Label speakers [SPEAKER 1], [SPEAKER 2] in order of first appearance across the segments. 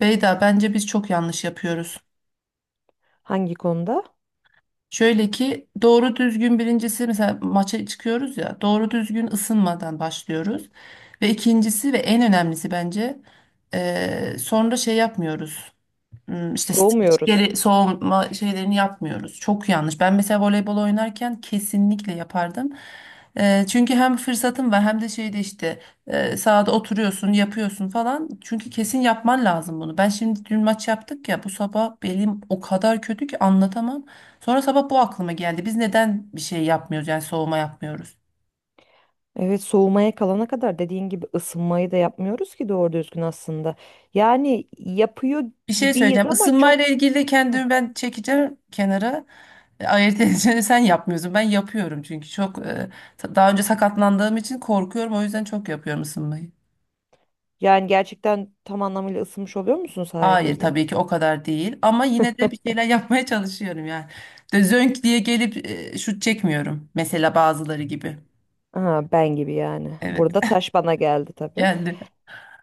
[SPEAKER 1] Beyda bence biz çok yanlış yapıyoruz.
[SPEAKER 2] Hangi konuda?
[SPEAKER 1] Şöyle ki doğru düzgün birincisi mesela maça çıkıyoruz ya doğru düzgün ısınmadan başlıyoruz. Ve ikincisi ve en önemlisi bence sonra şey yapmıyoruz. Hmm, işte streç
[SPEAKER 2] Doğmuyoruz.
[SPEAKER 1] geri soğuma şeylerini yapmıyoruz. Çok yanlış. Ben mesela voleybol oynarken kesinlikle yapardım. Çünkü hem fırsatım var hem de şeyde işte sahada oturuyorsun, yapıyorsun falan. Çünkü kesin yapman lazım bunu. Ben şimdi dün maç yaptık ya bu sabah belim o kadar kötü ki anlatamam. Sonra sabah bu aklıma geldi. Biz neden bir şey yapmıyoruz yani soğuma yapmıyoruz?
[SPEAKER 2] Evet, soğumaya kalana kadar dediğin gibi ısınmayı da yapmıyoruz ki doğru düzgün aslında. Yani yapıyor
[SPEAKER 1] Bir şey
[SPEAKER 2] gibiyiz
[SPEAKER 1] söyleyeceğim.
[SPEAKER 2] ama çok...
[SPEAKER 1] Isınmayla ilgili de
[SPEAKER 2] Hı.
[SPEAKER 1] kendimi ben çekeceğim kenara. Ayırt edeceğini sen yapmıyorsun. Ben yapıyorum çünkü çok daha önce sakatlandığım için korkuyorum. O yüzden çok yapıyorum ısınmayı.
[SPEAKER 2] Yani gerçekten tam anlamıyla ısınmış oluyor musun sahaya
[SPEAKER 1] Hayır,
[SPEAKER 2] girdiğinde?
[SPEAKER 1] tabii ki o kadar değil ama yine de bir şeyler yapmaya çalışıyorum yani. De zönk diye gelip şut çekmiyorum. Mesela bazıları gibi.
[SPEAKER 2] Ha, ben gibi yani.
[SPEAKER 1] Evet.
[SPEAKER 2] Burada taş bana geldi tabii.
[SPEAKER 1] Geldi.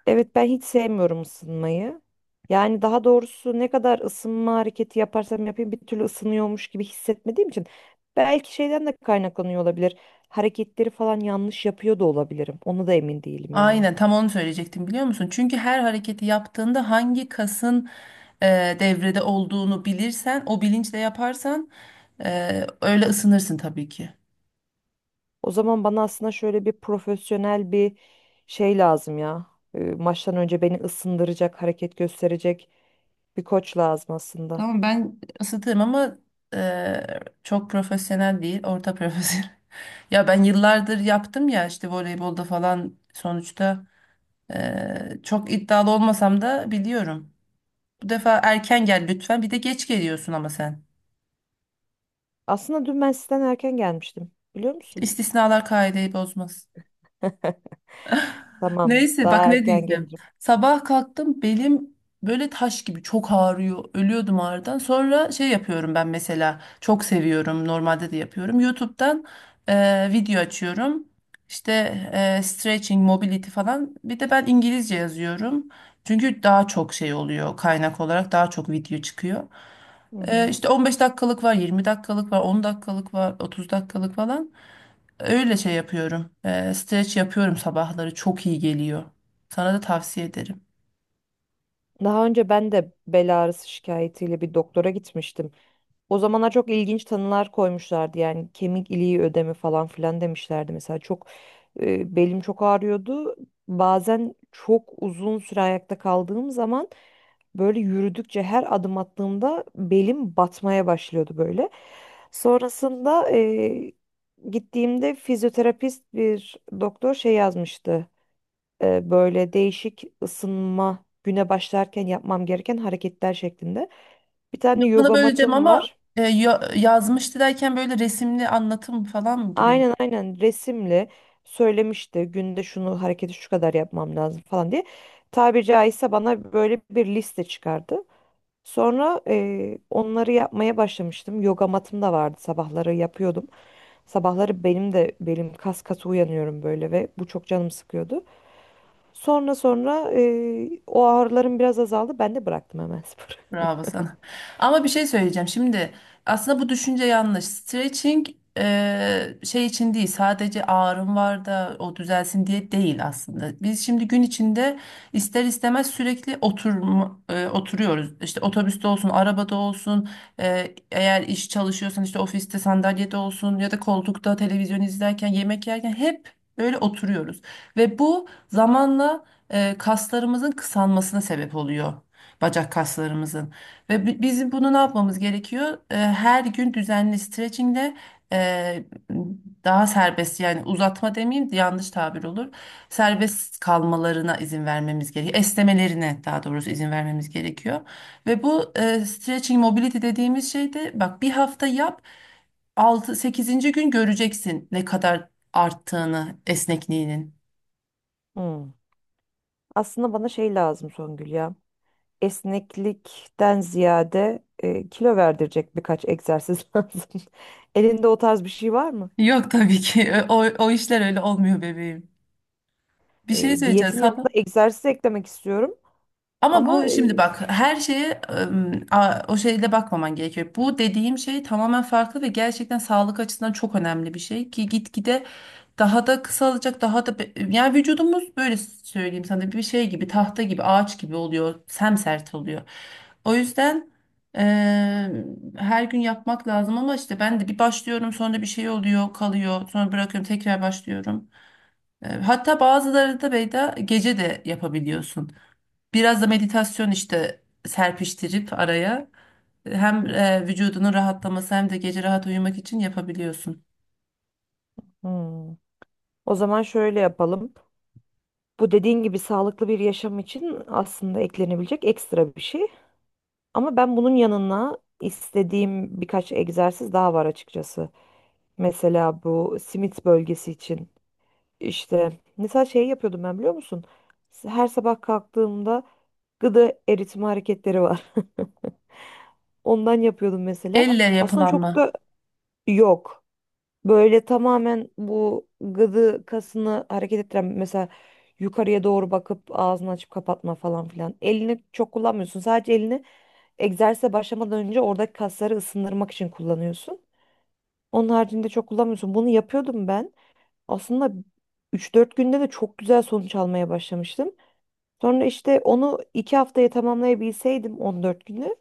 [SPEAKER 2] Evet, ben hiç sevmiyorum ısınmayı. Yani daha doğrusu ne kadar ısınma hareketi yaparsam yapayım bir türlü ısınıyormuş gibi hissetmediğim için belki şeyden de kaynaklanıyor olabilir. Hareketleri falan yanlış yapıyor da olabilirim. Onu da emin değilim yani.
[SPEAKER 1] Aynen tam onu söyleyecektim, biliyor musun? Çünkü her hareketi yaptığında hangi kasın devrede olduğunu bilirsen, o bilinçle yaparsan öyle ısınırsın tabii ki.
[SPEAKER 2] O zaman bana aslında şöyle bir profesyonel bir şey lazım ya. Maçtan önce beni ısındıracak, hareket gösterecek bir koç lazım aslında.
[SPEAKER 1] Tamam, ben Isıtırım ama e, çok profesyonel değil, orta profesyonel. Ya ben yıllardır yaptım ya, işte voleybolda falan sonuçta çok iddialı olmasam da biliyorum. Bu defa erken gel lütfen. Bir de geç geliyorsun ama sen.
[SPEAKER 2] Aslında dün ben sizden erken gelmiştim. Biliyor musun?
[SPEAKER 1] İstisnalar kaideyi bozmaz.
[SPEAKER 2] Tamam,
[SPEAKER 1] Neyse, bak
[SPEAKER 2] daha
[SPEAKER 1] ne
[SPEAKER 2] erken
[SPEAKER 1] diyeceğim.
[SPEAKER 2] gelirim.
[SPEAKER 1] Sabah kalktım, belim böyle taş gibi çok ağrıyor. Ölüyordum ağrıdan. Sonra şey yapıyorum ben mesela. Çok seviyorum. Normalde de yapıyorum. YouTube'dan video açıyorum. İşte stretching, mobility falan. Bir de ben İngilizce yazıyorum. Çünkü daha çok şey oluyor, kaynak olarak daha çok video çıkıyor.
[SPEAKER 2] Hı
[SPEAKER 1] E,
[SPEAKER 2] hı.
[SPEAKER 1] işte 15 dakikalık var, 20 dakikalık var, 10 dakikalık var, 30 dakikalık falan. Öyle şey yapıyorum. Streç yapıyorum sabahları. Çok iyi geliyor. Sana da tavsiye ederim.
[SPEAKER 2] Daha önce ben de bel ağrısı şikayetiyle bir doktora gitmiştim. O zamana çok ilginç tanılar koymuşlardı. Yani kemik iliği ödemi falan filan demişlerdi. Mesela çok belim çok ağrıyordu. Bazen çok uzun süre ayakta kaldığım zaman böyle yürüdükçe her adım attığımda belim batmaya başlıyordu böyle. Sonrasında gittiğimde fizyoterapist bir doktor şey yazmıştı, böyle değişik ısınma güne başlarken yapmam gereken hareketler şeklinde. Bir tane
[SPEAKER 1] Lafını
[SPEAKER 2] yoga
[SPEAKER 1] böleceğim
[SPEAKER 2] matım
[SPEAKER 1] ama
[SPEAKER 2] var.
[SPEAKER 1] yazmıştı derken böyle resimli anlatım falan mı gibi?
[SPEAKER 2] Aynen, aynen, resimli söylemişti günde şunu hareketi şu kadar yapmam lazım falan diye. Tabiri caizse bana böyle bir liste çıkardı. Sonra onları yapmaya başlamıştım. Yoga matım da vardı, sabahları yapıyordum. Sabahları benim de belim kas katı uyanıyorum böyle ve bu çok canım sıkıyordu. Sonra o ağrılarım biraz azaldı. Ben de bıraktım hemen sporu.
[SPEAKER 1] Bravo sana. Ama bir şey söyleyeceğim. Şimdi aslında bu düşünce yanlış. Stretching şey için değil. Sadece ağrım var da o düzelsin diye değil aslında. Biz şimdi gün içinde ister istemez sürekli oturma, oturuyoruz. İşte otobüste olsun, arabada olsun, eğer iş çalışıyorsan işte ofiste sandalyede olsun ya da koltukta televizyon izlerken, yemek yerken hep böyle oturuyoruz. Ve bu zamanla kaslarımızın kısalmasına sebep oluyor, bacak kaslarımızın. Ve bizim bunu ne yapmamız gerekiyor? Her gün düzenli stretchingle e, daha serbest, yani uzatma demeyeyim, yanlış tabir olur. Serbest kalmalarına izin vermemiz gerekiyor. Esnemelerine, daha doğrusu izin vermemiz gerekiyor. Ve bu stretching mobility dediğimiz şey de bak, bir hafta yap, 6 sekizinci gün göreceksin ne kadar arttığını esnekliğinin.
[SPEAKER 2] Hmm. Aslında bana şey lazım Songül ya. Esneklikten ziyade kilo verdirecek birkaç egzersiz lazım. Elinde o tarz bir şey var mı?
[SPEAKER 1] Yok tabii ki, o, o işler öyle olmuyor bebeğim. Bir şey söyleyeceğim.
[SPEAKER 2] Diyetin
[SPEAKER 1] Sabah.
[SPEAKER 2] yanında egzersiz eklemek istiyorum.
[SPEAKER 1] Ama
[SPEAKER 2] Ama
[SPEAKER 1] bu
[SPEAKER 2] e,
[SPEAKER 1] şimdi bak, her şeye o şeyle bakmaman gerekiyor. Bu dediğim şey tamamen farklı ve gerçekten sağlık açısından çok önemli bir şey ki gitgide daha da kısalacak, daha da yani vücudumuz, böyle söyleyeyim sana, bir şey gibi, tahta gibi, ağaç gibi oluyor, semsert oluyor. O yüzden eee, her gün yapmak lazım ama işte ben de bir başlıyorum, sonra bir şey oluyor, kalıyor, sonra bırakıyorum, tekrar başlıyorum. Hatta bazıları da, Beyda, gece de yapabiliyorsun. Biraz da meditasyon işte serpiştirip araya, hem vücudunun rahatlaması hem de gece rahat uyumak için yapabiliyorsun.
[SPEAKER 2] Hmm. O zaman şöyle yapalım. Bu dediğin gibi sağlıklı bir yaşam için aslında eklenebilecek ekstra bir şey. Ama ben bunun yanına istediğim birkaç egzersiz daha var açıkçası. Mesela bu simit bölgesi için işte mesela şey yapıyordum ben, biliyor musun? Her sabah kalktığımda gıda eritme hareketleri var. Ondan yapıyordum mesela.
[SPEAKER 1] Elle
[SPEAKER 2] Aslında çok
[SPEAKER 1] yapılanma.
[SPEAKER 2] da yok. Böyle tamamen bu gıdı kasını hareket ettiren mesela yukarıya doğru bakıp ağzını açıp kapatma falan filan. Elini çok kullanmıyorsun. Sadece elini egzersize başlamadan önce oradaki kasları ısındırmak için kullanıyorsun. Onun haricinde çok kullanmıyorsun. Bunu yapıyordum ben. Aslında üç dört günde de çok güzel sonuç almaya başlamıştım. Sonra işte onu 2 haftaya tamamlayabilseydim, 14 günü,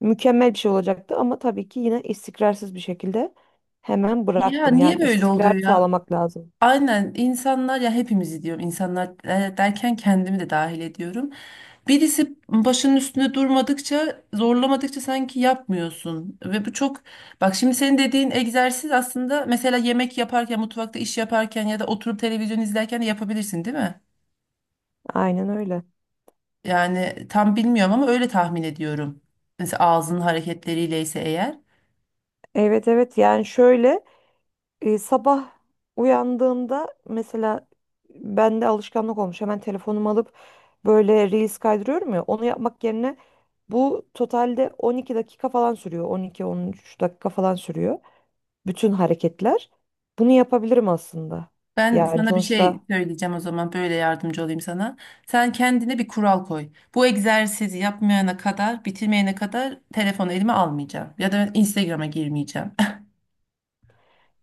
[SPEAKER 2] mükemmel bir şey olacaktı ama tabii ki yine istikrarsız bir şekilde hemen
[SPEAKER 1] Ya
[SPEAKER 2] bıraktım.
[SPEAKER 1] niye
[SPEAKER 2] Yani
[SPEAKER 1] böyle
[SPEAKER 2] istikrar
[SPEAKER 1] oluyor ya?
[SPEAKER 2] sağlamak lazım.
[SPEAKER 1] Aynen, insanlar ya, hepimizi diyorum, insanlar derken kendimi de dahil ediyorum. Birisi başının üstünde durmadıkça, zorlamadıkça sanki yapmıyorsun. Ve bu çok bak şimdi, senin dediğin egzersiz aslında mesela yemek yaparken, mutfakta iş yaparken ya da oturup televizyon izlerken de yapabilirsin, değil mi?
[SPEAKER 2] Aynen öyle.
[SPEAKER 1] Yani tam bilmiyorum ama öyle tahmin ediyorum. Mesela ağzının hareketleriyle ise eğer.
[SPEAKER 2] Evet, evet, yani şöyle, sabah uyandığımda mesela bende alışkanlık olmuş. Hemen telefonumu alıp böyle reels kaydırıyorum ya, onu yapmak yerine bu totalde 12 dakika falan sürüyor. 12-13 dakika falan sürüyor. Bütün hareketler. Bunu yapabilirim aslında.
[SPEAKER 1] Ben
[SPEAKER 2] Yani
[SPEAKER 1] sana bir şey
[SPEAKER 2] sonuçta
[SPEAKER 1] söyleyeceğim o zaman, böyle yardımcı olayım sana. Sen kendine bir kural koy. Bu egzersizi yapmayana kadar, bitirmeyene kadar telefonu elime almayacağım. Ya da Instagram'a girmeyeceğim.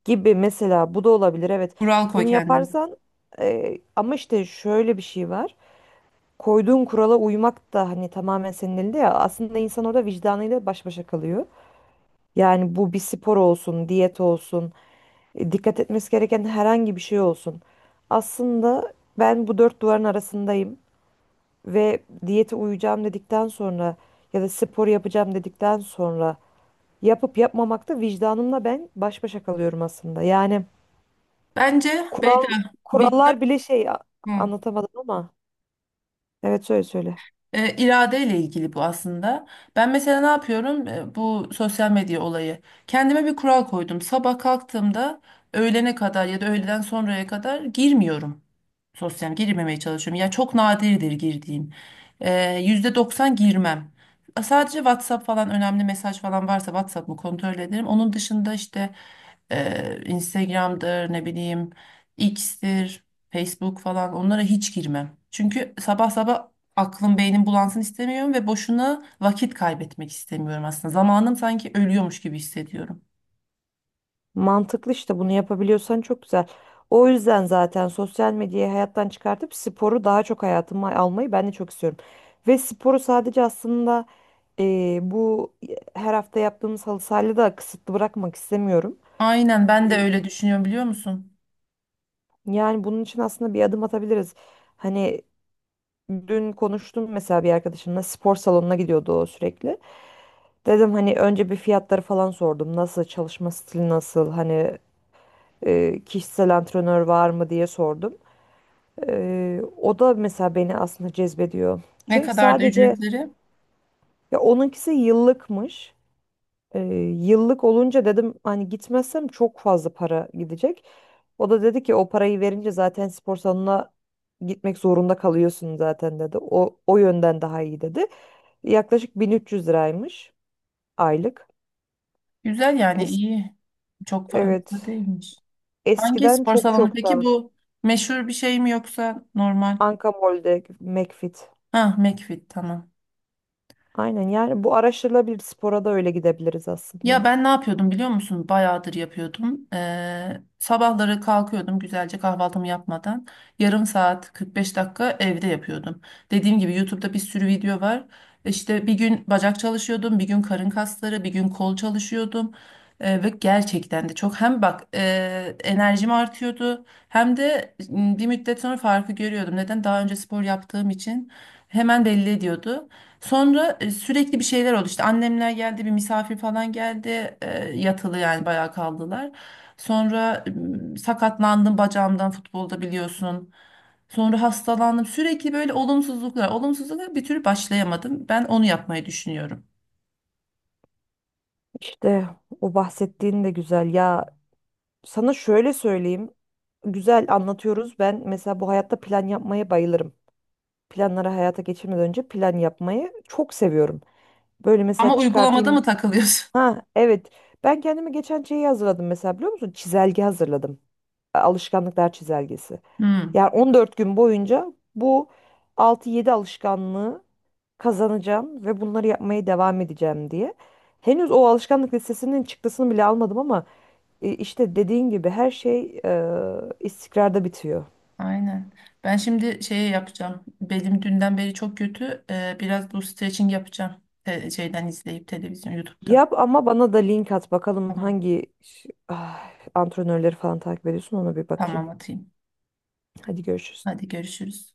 [SPEAKER 2] gibi mesela bu da olabilir. Evet.
[SPEAKER 1] Kural koy
[SPEAKER 2] Bunu
[SPEAKER 1] kendine.
[SPEAKER 2] yaparsan ama işte şöyle bir şey var. Koyduğun kurala uymak da hani tamamen senin elinde ya. Aslında insan orada vicdanıyla baş başa kalıyor. Yani bu bir spor olsun, diyet olsun, dikkat etmesi gereken herhangi bir şey olsun. Aslında ben bu dört duvarın arasındayım ve diyete uyacağım dedikten sonra ya da spor yapacağım dedikten sonra yapıp yapmamakta vicdanımla ben baş başa kalıyorum aslında. Yani
[SPEAKER 1] Bence
[SPEAKER 2] kural
[SPEAKER 1] Beyda vicdan.
[SPEAKER 2] kurallar bile şey,
[SPEAKER 1] Hı.
[SPEAKER 2] anlatamadım ama. Evet, söyle söyle.
[SPEAKER 1] E, iradeyle ilgili bu aslında. Ben mesela ne yapıyorum? Bu sosyal medya olayı. Kendime bir kural koydum. Sabah kalktığımda öğlene kadar ya da öğleden sonraya kadar girmiyorum. Sosyal, yani girmemeye çalışıyorum. Ya çok nadirdir girdiğim. E, %90 girmem. Sadece WhatsApp falan, önemli mesaj falan varsa WhatsApp'ımı kontrol ederim. Onun dışında işte Instagram'dır, ne bileyim, X'tir, Facebook falan, onlara hiç girmem. Çünkü sabah sabah aklım, beynim bulansın istemiyorum ve boşuna vakit kaybetmek istemiyorum aslında. Zamanım sanki ölüyormuş gibi hissediyorum.
[SPEAKER 2] Mantıklı, işte bunu yapabiliyorsan çok güzel. O yüzden zaten sosyal medyayı hayattan çıkartıp sporu daha çok hayatıma almayı ben de çok istiyorum. Ve sporu sadece aslında bu her hafta yaptığımız halı sahayla da kısıtlı bırakmak istemiyorum.
[SPEAKER 1] Aynen, ben de öyle düşünüyorum, biliyor musun?
[SPEAKER 2] Yani bunun için aslında bir adım atabiliriz. Hani dün konuştum mesela bir arkadaşımla, spor salonuna gidiyordu o sürekli. Dedim, hani önce bir fiyatları falan sordum. Nasıl çalışma stili, nasıl, hani kişisel antrenör var mı diye sordum. O da mesela beni aslında cezbediyor.
[SPEAKER 1] Ne
[SPEAKER 2] Çünkü
[SPEAKER 1] kadar da
[SPEAKER 2] sadece
[SPEAKER 1] ücretleri?
[SPEAKER 2] ya onunkisi yıllıkmış. Ee, Yıllık olunca dedim hani gitmezsem çok fazla para gidecek. O da dedi ki, o parayı verince zaten spor salonuna gitmek zorunda kalıyorsun zaten dedi. O yönden daha iyi dedi. Yaklaşık 1300 liraymış aylık.
[SPEAKER 1] Güzel, yani
[SPEAKER 2] Es-
[SPEAKER 1] iyi. Çok fazla
[SPEAKER 2] evet,
[SPEAKER 1] değilmiş. Hangi
[SPEAKER 2] eskiden
[SPEAKER 1] spor
[SPEAKER 2] çok
[SPEAKER 1] salonu
[SPEAKER 2] çok
[SPEAKER 1] peki
[SPEAKER 2] daha...
[SPEAKER 1] bu? Meşhur bir şey mi yoksa normal?
[SPEAKER 2] Anka Mall'de McFit.
[SPEAKER 1] Ha, McFit, tamam.
[SPEAKER 2] Aynen, yani bu araştırılabilir, spora da öyle gidebiliriz
[SPEAKER 1] Ya
[SPEAKER 2] aslında.
[SPEAKER 1] ben ne yapıyordum biliyor musun? Bayağıdır yapıyordum. Sabahları kalkıyordum güzelce, kahvaltımı yapmadan. Yarım saat, 45 dakika evde yapıyordum. Dediğim gibi YouTube'da bir sürü video var. İşte bir gün bacak çalışıyordum, bir gün karın kasları, bir gün kol çalışıyordum. Ve gerçekten de çok, hem bak enerjim artıyordu hem de bir müddet sonra farkı görüyordum. Neden? Daha önce spor yaptığım için hemen belli ediyordu. Sonra sürekli bir şeyler oldu. İşte annemler geldi, bir misafir falan geldi. Yatılı yani bayağı kaldılar. Sonra sakatlandım bacağımdan, futbolda biliyorsun. Sonra hastalandım. Sürekli böyle olumsuzluklar, olumsuzluklar, bir türlü başlayamadım. Ben onu yapmayı düşünüyorum.
[SPEAKER 2] İşte o bahsettiğin de güzel ya. Sana şöyle söyleyeyim. Güzel anlatıyoruz. Ben mesela bu hayatta plan yapmaya bayılırım. Planları hayata geçirmeden önce plan yapmayı çok seviyorum. Böyle mesela
[SPEAKER 1] Ama uygulamada
[SPEAKER 2] çıkartayım.
[SPEAKER 1] mı takılıyorsun?
[SPEAKER 2] Ha, evet. Ben kendime geçen şeyi hazırladım mesela, biliyor musun? Çizelge hazırladım. Alışkanlıklar çizelgesi.
[SPEAKER 1] Hmm,
[SPEAKER 2] Yani 14 gün boyunca bu altı yedi alışkanlığı kazanacağım ve bunları yapmaya devam edeceğim diye. Henüz o alışkanlık listesinin çıktısını bile almadım ama İşte dediğin gibi her şey istikrarda bitiyor.
[SPEAKER 1] aynen. Ben şimdi şey yapacağım. Belim dünden beri çok kötü. Biraz bu stretching yapacağım. Şeyden izleyip, televizyon, YouTube'da.
[SPEAKER 2] Yap ama bana da link at bakalım,
[SPEAKER 1] Tamam,
[SPEAKER 2] hangi antrenörleri falan takip ediyorsun, ona bir bakayım.
[SPEAKER 1] tamam atayım.
[SPEAKER 2] Hadi görüşürüz.
[SPEAKER 1] Hadi görüşürüz.